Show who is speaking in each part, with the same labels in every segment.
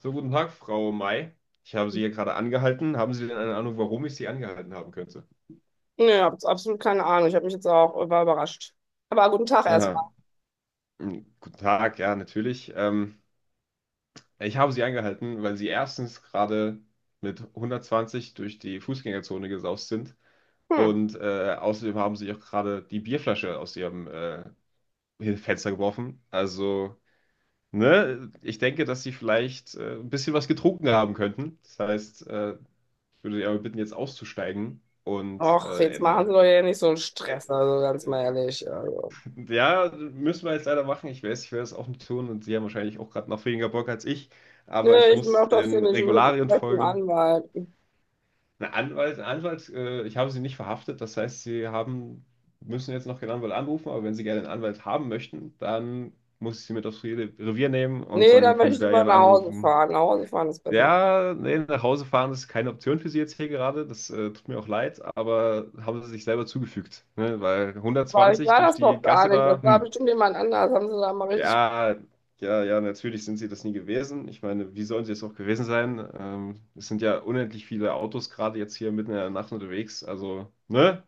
Speaker 1: So, Guten Tag, Frau May. Ich habe Sie hier gerade angehalten. Haben Sie denn eine Ahnung, warum ich Sie angehalten haben könnte?
Speaker 2: Nee, hab jetzt absolut keine Ahnung. Ich habe mich jetzt auch war überrascht. Aber guten Tag erstmal.
Speaker 1: Aha. Hm, Guten Tag, ja, natürlich. Ich habe Sie angehalten, weil Sie erstens gerade mit 120 durch die Fußgängerzone gesaust sind,
Speaker 2: Hm.
Speaker 1: und außerdem haben Sie auch gerade die Bierflasche aus Ihrem Fenster geworfen. Also, ne, ich denke, dass Sie vielleicht ein bisschen was getrunken haben könnten. Das heißt, ich würde Sie aber bitten, jetzt auszusteigen und
Speaker 2: Och, jetzt machen Sie
Speaker 1: eine.
Speaker 2: doch hier nicht so einen
Speaker 1: Äh,
Speaker 2: Stress, also ganz
Speaker 1: äh,
Speaker 2: mal ehrlich. Also.
Speaker 1: Ja, müssen wir jetzt leider machen. Ich weiß, ich werde es auch nicht tun, und Sie haben wahrscheinlich auch gerade noch weniger Bock als ich. Aber
Speaker 2: Nee,
Speaker 1: ich
Speaker 2: ich
Speaker 1: muss
Speaker 2: mach das hier
Speaker 1: den
Speaker 2: nicht mit. Ich
Speaker 1: Regularien
Speaker 2: möchte einen
Speaker 1: folgen.
Speaker 2: Anwalt.
Speaker 1: Ein Anwalt, ich habe Sie nicht verhaftet. Das heißt, müssen jetzt noch keinen Anwalt anrufen. Aber wenn Sie gerne einen Anwalt haben möchten, dann muss ich Sie mit aufs Revier nehmen, und
Speaker 2: Nee, dann
Speaker 1: dann können
Speaker 2: möchte
Speaker 1: Sie
Speaker 2: ich
Speaker 1: da
Speaker 2: lieber
Speaker 1: gerne
Speaker 2: nach Hause
Speaker 1: anrufen.
Speaker 2: fahren. Nach Hause fahren ist besser.
Speaker 1: Ja, nee, nach Hause fahren ist keine Option für Sie jetzt hier gerade. Das tut mir auch leid, aber haben Sie sich selber zugefügt. Ne? Weil
Speaker 2: Aber ich
Speaker 1: 120
Speaker 2: war
Speaker 1: durch
Speaker 2: das doch
Speaker 1: die
Speaker 2: gar
Speaker 1: Gasse
Speaker 2: nicht.
Speaker 1: da,
Speaker 2: Das war
Speaker 1: hm.
Speaker 2: bestimmt jemand anders. Haben Sie da mal richtig.
Speaker 1: Ja, ja, ja, natürlich sind sie das nie gewesen. Ich meine, wie sollen sie es auch gewesen sein? Es sind ja unendlich viele Autos gerade jetzt hier mitten in der Nacht unterwegs. Also, ne?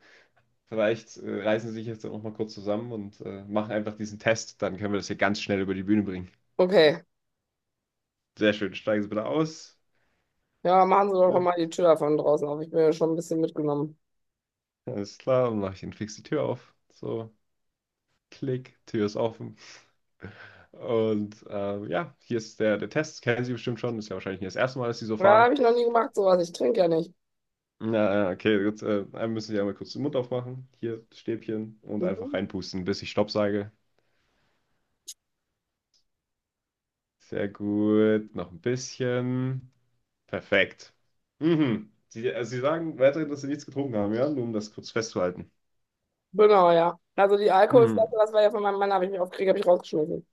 Speaker 1: Vielleicht reißen sie sich jetzt auch mal kurz zusammen und machen einfach diesen Test. Dann können wir das hier ganz schnell über die Bühne bringen.
Speaker 2: Okay.
Speaker 1: Sehr schön. Steigen Sie bitte aus.
Speaker 2: Ja, machen Sie doch mal die
Speaker 1: Gut.
Speaker 2: Tür von draußen auf. Ich bin ja schon ein bisschen mitgenommen.
Speaker 1: Alles klar. Dann mache ich Ihnen fix die Tür auf. So, klick, Tür ist offen. Und ja, hier ist der Test. Kennen Sie bestimmt schon. Ist ja wahrscheinlich nicht das erste Mal, dass Sie so
Speaker 2: Ja,
Speaker 1: fahren.
Speaker 2: habe ich noch nie gemacht, sowas. Ich trinke ja nicht.
Speaker 1: Ja, ja, okay, gut. Dann müssen Sie einmal kurz den Mund aufmachen. Hier, das Stäbchen. Und einfach
Speaker 2: Mhm.
Speaker 1: reinpusten, bis ich Stopp sage. Sehr gut. Noch ein bisschen. Perfekt. Mhm. Sie, also Sie sagen weiterhin, dass Sie nichts getrunken haben, ja? Nur um das kurz festzuhalten.
Speaker 2: Genau, ja. Also die Alkoholflasche,
Speaker 1: Mhm.
Speaker 2: das war ja von meinem Mann, habe ich mich aufgeregt, habe ich rausgeschmissen.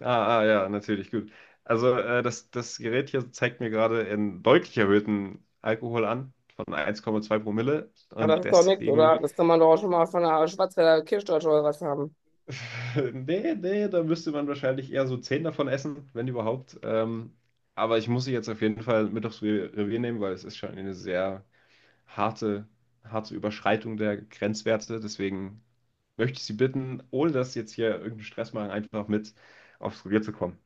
Speaker 1: Ah, ah, ja, natürlich, gut. Also, das Gerät hier zeigt mir gerade einen deutlich erhöhten Alkohol an, von 1,2 Promille.
Speaker 2: Ja, das
Speaker 1: Und
Speaker 2: ist doch nichts,
Speaker 1: deswegen.
Speaker 2: oder? Das kann man doch auch schon mal von einer Schwarzwälder Kirschtorte oder was haben.
Speaker 1: Nee, nee, da müsste man wahrscheinlich eher so zehn davon essen, wenn überhaupt. Aber ich muss sie jetzt auf jeden Fall mit aufs Revier nehmen, weil es ist schon eine sehr harte, harte Überschreitung der Grenzwerte. Deswegen möchte ich Sie bitten, ohne dass Sie jetzt hier irgendeinen Stress machen, einfach mit aufs Revier zu kommen.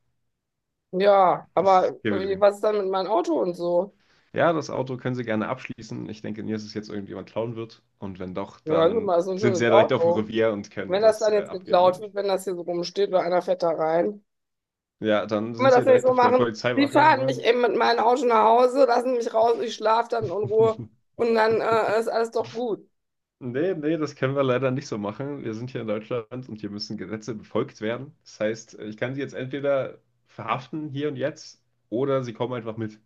Speaker 2: Ja,
Speaker 1: Das
Speaker 2: aber
Speaker 1: ist hier für Sie.
Speaker 2: wie, was ist dann mit meinem Auto und so?
Speaker 1: Ja, das Auto können Sie gerne abschließen. Ich denke nie, dass es jetzt irgendjemand klauen wird. Und wenn doch,
Speaker 2: Ja, hören Sie
Speaker 1: dann
Speaker 2: mal, so ein
Speaker 1: sind Sie
Speaker 2: schönes
Speaker 1: ja direkt auf dem
Speaker 2: Auto.
Speaker 1: Revier und können
Speaker 2: Wenn das
Speaker 1: das
Speaker 2: dann jetzt
Speaker 1: abgeben,
Speaker 2: geklaut
Speaker 1: ne?
Speaker 2: wird, wenn das hier so rumsteht oder einer fährt da rein,
Speaker 1: Ja, dann
Speaker 2: können
Speaker 1: sind
Speaker 2: wir
Speaker 1: Sie
Speaker 2: das
Speaker 1: ja
Speaker 2: nicht
Speaker 1: direkt
Speaker 2: so
Speaker 1: auf der
Speaker 2: machen? Sie
Speaker 1: Polizeiwache,
Speaker 2: fahren
Speaker 1: ne?
Speaker 2: mich eben mit meinem Auto nach Hause, lassen mich raus, ich schlafe dann in Ruhe und dann ist alles doch gut.
Speaker 1: Nee, nee, das können wir leider nicht so machen. Wir sind hier in Deutschland und hier müssen Gesetze befolgt werden. Das heißt, ich kann Sie jetzt entweder verhaften hier und jetzt, oder Sie kommen einfach mit.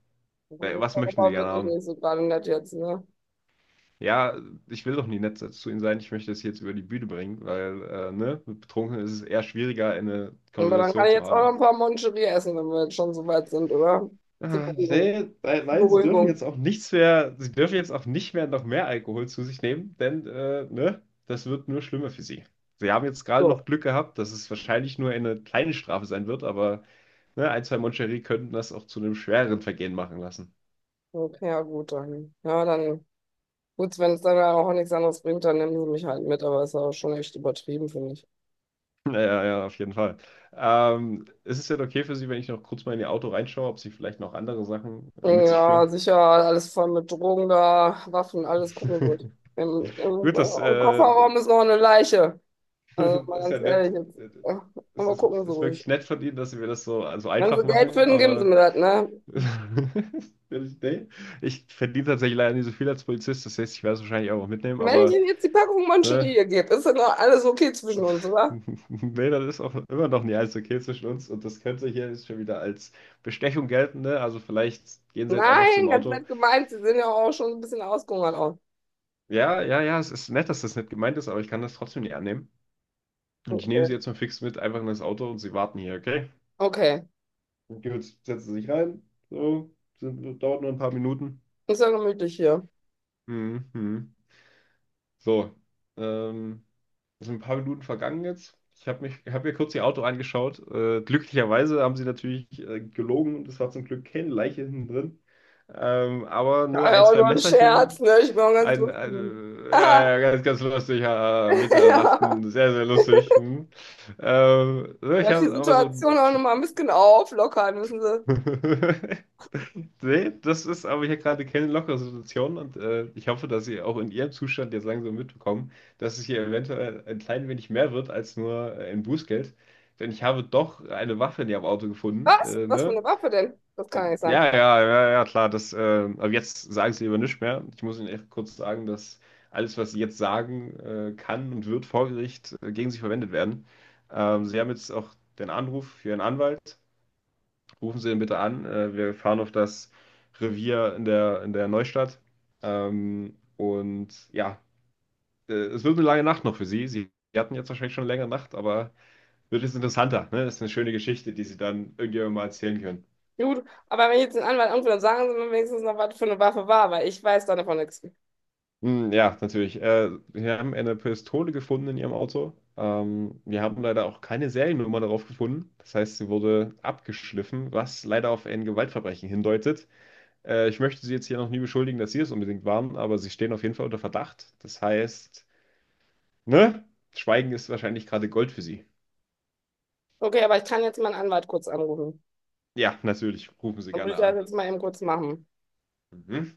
Speaker 2: Das ist
Speaker 1: Was
Speaker 2: doch
Speaker 1: möchten Sie
Speaker 2: aber
Speaker 1: gerne
Speaker 2: wirklich
Speaker 1: haben?
Speaker 2: nicht so gerade nett jetzt, ne?
Speaker 1: Ja, ich will doch nie nett zu Ihnen sein. Ich möchte das jetzt über die Bühne bringen, weil, ne, mit Betrunken ist es eher schwieriger, eine
Speaker 2: Aber dann kann
Speaker 1: Konversation
Speaker 2: ich
Speaker 1: zu
Speaker 2: jetzt auch noch
Speaker 1: haben.
Speaker 2: ein paar Moncherie essen, wenn wir jetzt schon so weit sind, oder? Zur
Speaker 1: Ah,
Speaker 2: Beruhigung.
Speaker 1: nee, nein,
Speaker 2: Zur
Speaker 1: nein, sie dürfen jetzt
Speaker 2: Beruhigung.
Speaker 1: auch nichts mehr, sie dürfen jetzt auch nicht mehr noch mehr Alkohol zu sich nehmen, denn ne, das wird nur schlimmer für sie. Sie haben jetzt gerade
Speaker 2: So.
Speaker 1: noch Glück gehabt, dass es wahrscheinlich nur eine kleine Strafe sein wird, aber ne, ein, zwei Moncherie könnten das auch zu einem schwereren Vergehen machen lassen.
Speaker 2: Okay, ja gut, dann. Ja, dann, gut, wenn es dann auch nichts anderes bringt, dann nehmen sie mich halt mit, aber ist auch schon echt übertrieben, finde ich.
Speaker 1: Ja, ja, ja, auf jeden Fall. Ist es denn okay für Sie, wenn ich noch kurz mal in Ihr Auto reinschaue, ob Sie vielleicht noch andere Sachen mit sich
Speaker 2: Ja,
Speaker 1: führen?
Speaker 2: sicher, alles voll mit Drogen da, Waffen, alles gucken gut. Im, im,
Speaker 1: Gut, das
Speaker 2: im
Speaker 1: äh,
Speaker 2: Kofferraum ist noch eine Leiche. Also mal
Speaker 1: Das ist ja
Speaker 2: ganz ehrlich,
Speaker 1: nett.
Speaker 2: jetzt, äh,
Speaker 1: Es
Speaker 2: aber
Speaker 1: ist,
Speaker 2: gucken
Speaker 1: es
Speaker 2: Sie
Speaker 1: ist
Speaker 2: ruhig.
Speaker 1: wirklich nett von Ihnen, dass Sie mir das so, so
Speaker 2: Wenn
Speaker 1: einfach
Speaker 2: Sie Geld
Speaker 1: machen,
Speaker 2: finden, geben Sie
Speaker 1: aber
Speaker 2: mir das, ne?
Speaker 1: nee, ich verdiene tatsächlich leider nicht so viel als Polizist, das heißt, ich werde es wahrscheinlich auch mitnehmen,
Speaker 2: Wenn ich
Speaker 1: aber
Speaker 2: Ihnen jetzt die Packung
Speaker 1: ne,
Speaker 2: Mancherie gebe, ist dann noch alles okay zwischen uns, oder?
Speaker 1: nee, das ist auch immer noch nicht alles okay zwischen uns, und das könnte hier jetzt schon wieder als Bestechung gelten, ne? Also vielleicht gehen Sie jetzt einfach zu
Speaker 2: Nein,
Speaker 1: dem
Speaker 2: ganz
Speaker 1: Auto.
Speaker 2: nett gemeint, Sie sehen ja auch schon ein bisschen ausgehungert aus.
Speaker 1: Ja, ja, ja, es ist nett, dass das nicht gemeint ist, aber ich kann das trotzdem nicht annehmen. Und ich nehme Sie
Speaker 2: Okay,
Speaker 1: jetzt mal fix mit, einfach in das Auto, und Sie warten hier, okay?
Speaker 2: okay.
Speaker 1: Und Jules setzte sich rein. So, dauert nur ein paar Minuten.
Speaker 2: Ist ja gemütlich hier.
Speaker 1: Mhm. So, ähm, sind ein paar Minuten vergangen jetzt. Ich habe mich, habe mir kurz ihr Auto angeschaut. Glücklicherweise haben sie natürlich gelogen, und es war zum Glück keine Leiche hinten drin. Aber ne,
Speaker 2: War ja
Speaker 1: ein,
Speaker 2: auch
Speaker 1: zwei
Speaker 2: nur ein Scherz,
Speaker 1: Messerchen,
Speaker 2: ne? Ich bin auch ganz
Speaker 1: ein
Speaker 2: lustig. Ah,
Speaker 1: ja, ja, ganz, ganz lustig, ja, Mitte der
Speaker 2: ja.
Speaker 1: Nacht, hm, sehr, sehr lustig. Hm. Ne,
Speaker 2: Er
Speaker 1: ich
Speaker 2: hat die
Speaker 1: habe aber so.
Speaker 2: Situation auch nochmal ein bisschen auflockern, wissen Sie.
Speaker 1: Nee, das ist aber hier gerade keine lockere Situation, und ich hoffe, dass Sie auch in Ihrem Zustand jetzt langsam mitbekommen, dass es hier eventuell ein klein wenig mehr wird als nur ein Bußgeld. Denn ich habe doch eine Waffe in Ihrem Auto gefunden.
Speaker 2: Was? Was für
Speaker 1: Ne?
Speaker 2: eine Waffe denn? Das kann ja nicht sein.
Speaker 1: Ja, ja, ja, ja, ja, klar, aber jetzt sagen Sie lieber nichts mehr. Ich muss Ihnen echt kurz sagen, dass alles, was Sie jetzt sagen, kann und wird vor Gericht gegen Sie verwendet werden. Sie haben jetzt auch den Anruf für Ihren Anwalt, rufen Sie ihn bitte an. Wir fahren auf das Revier in der Neustadt. Und ja, es wird eine lange Nacht noch für Sie. Sie hatten jetzt wahrscheinlich schon eine längere Nacht, aber wird jetzt interessanter. Ne? Das ist eine schöne Geschichte, die Sie dann irgendjemandem mal erzählen können.
Speaker 2: Gut, aber wenn ich jetzt den Anwalt anrufe, dann sagen Sie mir wenigstens noch, was für eine Waffe war, weil ich weiß da davon nichts.
Speaker 1: Hm, ja, natürlich. Wir haben eine Pistole gefunden in Ihrem Auto. Wir haben leider auch keine Seriennummer darauf gefunden. Das heißt, sie wurde abgeschliffen, was leider auf ein Gewaltverbrechen hindeutet. Ich möchte Sie jetzt hier noch nie beschuldigen, dass Sie es unbedingt waren, aber Sie stehen auf jeden Fall unter Verdacht. Das heißt, ne? Schweigen ist wahrscheinlich gerade Gold für Sie.
Speaker 2: Okay, aber ich kann jetzt meinen Anwalt kurz anrufen.
Speaker 1: Ja, natürlich. Rufen Sie
Speaker 2: Dann würde
Speaker 1: gerne
Speaker 2: ich das
Speaker 1: an.
Speaker 2: jetzt mal eben kurz machen.
Speaker 1: Mhm.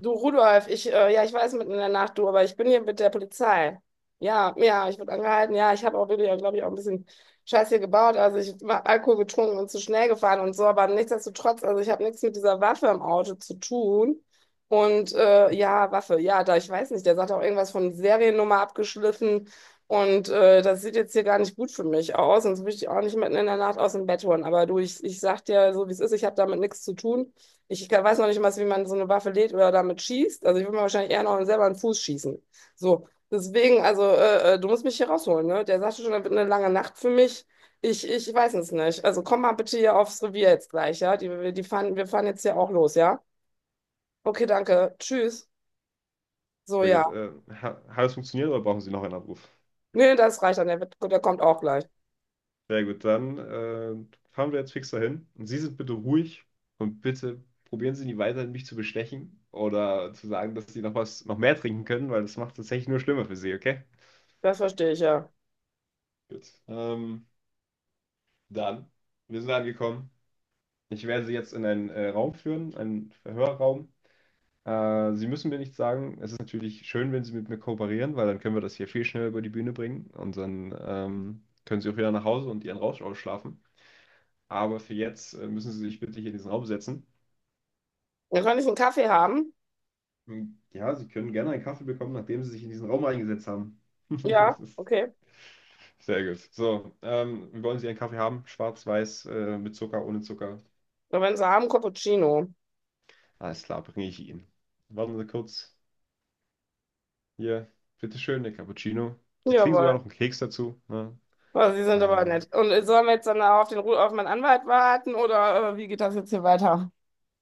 Speaker 2: Du Rudolf, ja, ich weiß mitten in der Nacht, du, aber ich bin hier mit der Polizei. Ja, ja, ich wurde angehalten. Ja, ich habe auch wirklich, glaube ich, auch ein bisschen Scheiß hier gebaut. Also ich habe Alkohol getrunken und zu schnell gefahren und so, aber nichtsdestotrotz, also ich habe nichts mit dieser Waffe im Auto zu tun. Und ja, Waffe, ja, da ich weiß nicht, der sagt auch irgendwas von Seriennummer abgeschliffen und das sieht jetzt hier gar nicht gut für mich aus und so will ich auch nicht mitten in der Nacht aus dem Bett holen. Aber du, ich sag dir so, wie es ist, ich habe damit nichts zu tun. Ich kann- weiß noch nicht mal, wie man so eine Waffe lädt oder damit schießt. Also ich würde mir wahrscheinlich eher noch selber einen Fuß schießen. So, deswegen, also du musst mich hier rausholen, ne? Der sagte schon, das wird eine lange Nacht für mich. Ich weiß es nicht. Also komm mal bitte hier aufs Revier jetzt gleich, ja? Die fahren, wir fahren jetzt hier auch los, ja? Okay, danke. Tschüss. So,
Speaker 1: Sehr
Speaker 2: ja.
Speaker 1: gut. Ha Hat es funktioniert, oder brauchen Sie noch einen Abruf?
Speaker 2: Nee, das reicht dann. Der kommt auch gleich.
Speaker 1: Sehr gut, dann fahren wir jetzt fix dahin. Und Sie sind bitte ruhig, und bitte probieren Sie nie weiter, mich zu bestechen oder zu sagen, dass Sie noch was, noch mehr trinken können, weil das macht es tatsächlich nur schlimmer für Sie, okay?
Speaker 2: Das verstehe ich, ja.
Speaker 1: Gut. Dann, wir sind angekommen. Ich werde Sie jetzt in einen Raum führen, einen Verhörraum. Sie müssen mir nichts sagen. Es ist natürlich schön, wenn Sie mit mir kooperieren, weil dann können wir das hier viel schneller über die Bühne bringen, und dann können Sie auch wieder nach Hause und Ihren Rausch ausschlafen. Aber für jetzt müssen Sie sich bitte hier in diesen Raum setzen.
Speaker 2: Dann kann ich einen Kaffee haben.
Speaker 1: Hm, ja, Sie können gerne einen Kaffee bekommen, nachdem Sie sich in diesen Raum eingesetzt haben.
Speaker 2: Ja,
Speaker 1: Das ist
Speaker 2: okay.
Speaker 1: Sehr gut. So, wie wollen Sie einen Kaffee haben? Schwarz, weiß, mit Zucker, ohne Zucker?
Speaker 2: Und wenn Sie haben, Cappuccino.
Speaker 1: Alles klar, bringe ich Ihnen. Warten Sie kurz. Hier, bitteschön, der Cappuccino. Sie kriegen sogar
Speaker 2: Jawohl.
Speaker 1: noch einen Keks dazu. Ne?
Speaker 2: Boah, Sie sind aber
Speaker 1: Ähm,
Speaker 2: nett. Und sollen wir jetzt dann auf den Ru- auf meinen Anwalt warten oder wie geht das jetzt hier weiter?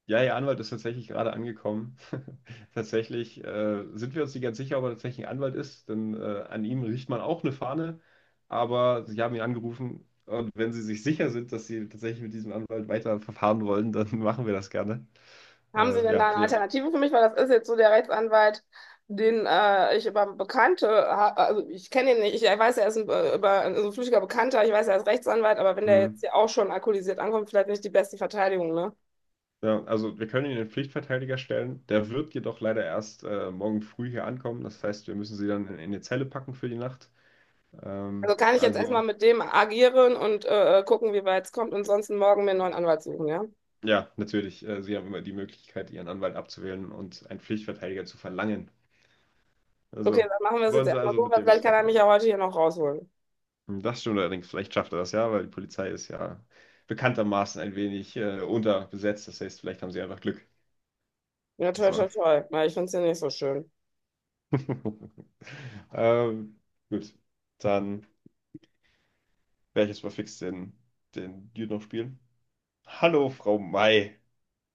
Speaker 1: ja, Ihr Anwalt ist tatsächlich gerade angekommen. Tatsächlich sind wir uns nicht ganz sicher, ob er tatsächlich ein Anwalt ist, denn an ihm riecht man auch eine Fahne. Aber Sie haben ihn angerufen, und wenn Sie sich sicher sind, dass Sie tatsächlich mit diesem Anwalt weiter verfahren wollen, dann machen wir das gerne.
Speaker 2: Haben Sie denn
Speaker 1: Ja,
Speaker 2: da eine Alternative für mich? Weil das ist jetzt so der Rechtsanwalt, den ich über Bekannte, ha- also ich kenne ihn nicht, ich weiß, er ist ein, über, also ein flüchtiger Bekannter, ich weiß, er ist Rechtsanwalt, aber wenn der jetzt
Speaker 1: Mhm.
Speaker 2: hier auch schon alkoholisiert ankommt, vielleicht nicht die beste Verteidigung, ne?
Speaker 1: Ja, also wir können Ihnen den Pflichtverteidiger stellen. Der wird jedoch leider erst morgen früh hier ankommen. Das heißt, wir müssen Sie dann in die Zelle packen für die Nacht.
Speaker 2: Also kann ich jetzt erstmal
Speaker 1: Also,
Speaker 2: mit dem agieren und gucken, wie weit es kommt und sonst morgen mir einen neuen Anwalt suchen, ja?
Speaker 1: ja, natürlich, sie haben immer die Möglichkeit, ihren Anwalt abzuwählen und einen Pflichtverteidiger zu verlangen.
Speaker 2: Okay,
Speaker 1: Also,
Speaker 2: dann machen wir es jetzt
Speaker 1: wollen sie
Speaker 2: erstmal
Speaker 1: also
Speaker 2: so,
Speaker 1: mit
Speaker 2: weil vielleicht
Speaker 1: David
Speaker 2: kann
Speaker 1: was
Speaker 2: er mich
Speaker 1: machen?
Speaker 2: ja heute hier noch rausholen.
Speaker 1: Hm, das stimmt allerdings, vielleicht schafft er das ja, weil die Polizei ist ja bekanntermaßen ein wenig unterbesetzt. Das heißt, vielleicht haben sie einfach Glück.
Speaker 2: Ja, toll,
Speaker 1: So.
Speaker 2: toll, toll. Ja, ich finde es ja nicht so schön.
Speaker 1: ähm, gut, dann werde ich jetzt mal fix den Dude noch spielen. Hallo, Frau May.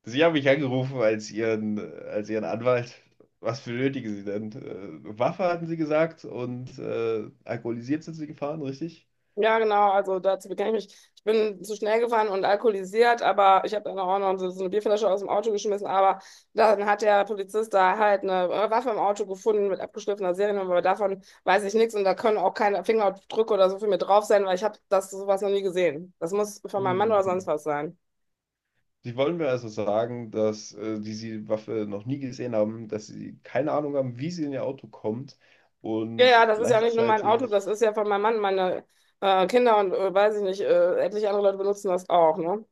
Speaker 1: Sie haben mich angerufen als Ihren Anwalt. Was benötigen Sie denn? Waffe hatten Sie gesagt, und alkoholisiert sind Sie gefahren, richtig?
Speaker 2: Ja, genau, also dazu bekenne ich mich. Ich bin zu schnell gefahren und alkoholisiert, aber ich habe dann auch noch so eine Bierflasche aus dem Auto geschmissen. Aber dann hat der Polizist da halt eine Waffe im Auto gefunden mit abgeschliffener Seriennummer, aber davon weiß ich nichts und da können auch keine Fingerabdrücke oder so für mir drauf sein, weil ich habe das sowas noch nie gesehen. Das muss von meinem Mann
Speaker 1: Hm.
Speaker 2: oder sonst was sein.
Speaker 1: Sie wollen mir also sagen, dass die Sie Waffe noch nie gesehen haben, dass Sie keine Ahnung haben, wie sie in Ihr Auto kommt,
Speaker 2: Ja,
Speaker 1: und
Speaker 2: ja, das ist ja nicht nur mein Auto, das ist
Speaker 1: gleichzeitig.
Speaker 2: ja von meinem Mann, meine Kinder und weiß ich nicht, etliche andere Leute benutzen das auch, ne?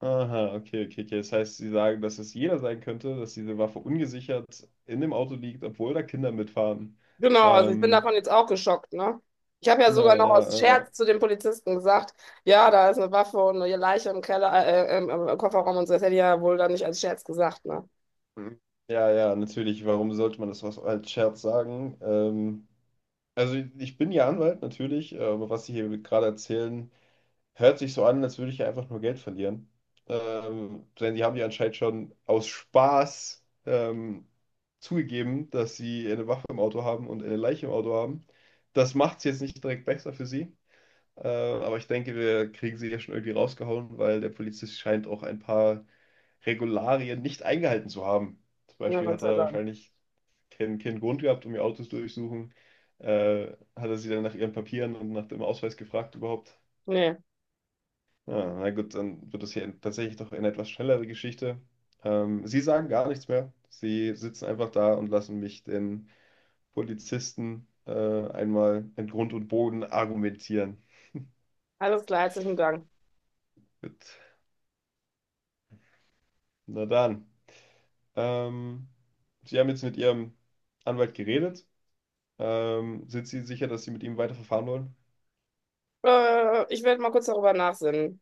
Speaker 1: Aha, okay, okay, okay. Das heißt, Sie sagen, dass es jeder sein könnte, dass diese Waffe ungesichert in dem Auto liegt, obwohl da Kinder mitfahren.
Speaker 2: Genau, also ich bin davon
Speaker 1: Ähm,
Speaker 2: jetzt auch geschockt, ne? Ich habe ja
Speaker 1: ja,
Speaker 2: sogar noch
Speaker 1: ja,
Speaker 2: aus
Speaker 1: ja,
Speaker 2: Scherz zu den Polizisten gesagt, ja, da ist eine Waffe und eine Leiche im Keller, im, Kofferraum und so. Das hätte ich ja wohl dann nicht als Scherz gesagt, ne?
Speaker 1: Mhm. Ja, ja, natürlich. Warum sollte man das was als Scherz sagen? Also ich bin ja Anwalt, natürlich, aber was Sie hier gerade erzählen, hört sich so an, als würde ich ja einfach nur Geld verlieren. Denn Sie haben ja anscheinend schon aus Spaß zugegeben, dass Sie eine Waffe im Auto haben und eine Leiche im Auto haben. Das macht es jetzt nicht direkt besser für Sie. Aber ich denke, wir kriegen sie ja schon irgendwie rausgehauen, weil der Polizist scheint auch ein paar Regularien nicht eingehalten zu haben. Zum
Speaker 2: Ja,
Speaker 1: Beispiel
Speaker 2: Gott
Speaker 1: hat
Speaker 2: sei
Speaker 1: er
Speaker 2: Dank.
Speaker 1: wahrscheinlich keinen Grund gehabt, um ihr Autos durchsuchen. Äh, hat er sie dann nach ihren Papieren und nach dem Ausweis gefragt überhaupt?
Speaker 2: Nee,
Speaker 1: Ja, na gut, dann wird das hier tatsächlich doch eine etwas schnellere Geschichte. Sie sagen gar nichts mehr. Sie sitzen einfach da und lassen mich den Polizisten einmal in Grund und Boden argumentieren.
Speaker 2: alles klar, herzlichen Dank.
Speaker 1: Gut, na dann. Ähm, Sie haben jetzt mit Ihrem Anwalt geredet. Sind Sie sicher, dass Sie mit ihm weiterverfahren wollen?
Speaker 2: Ich werde mal kurz darüber nachsinnen.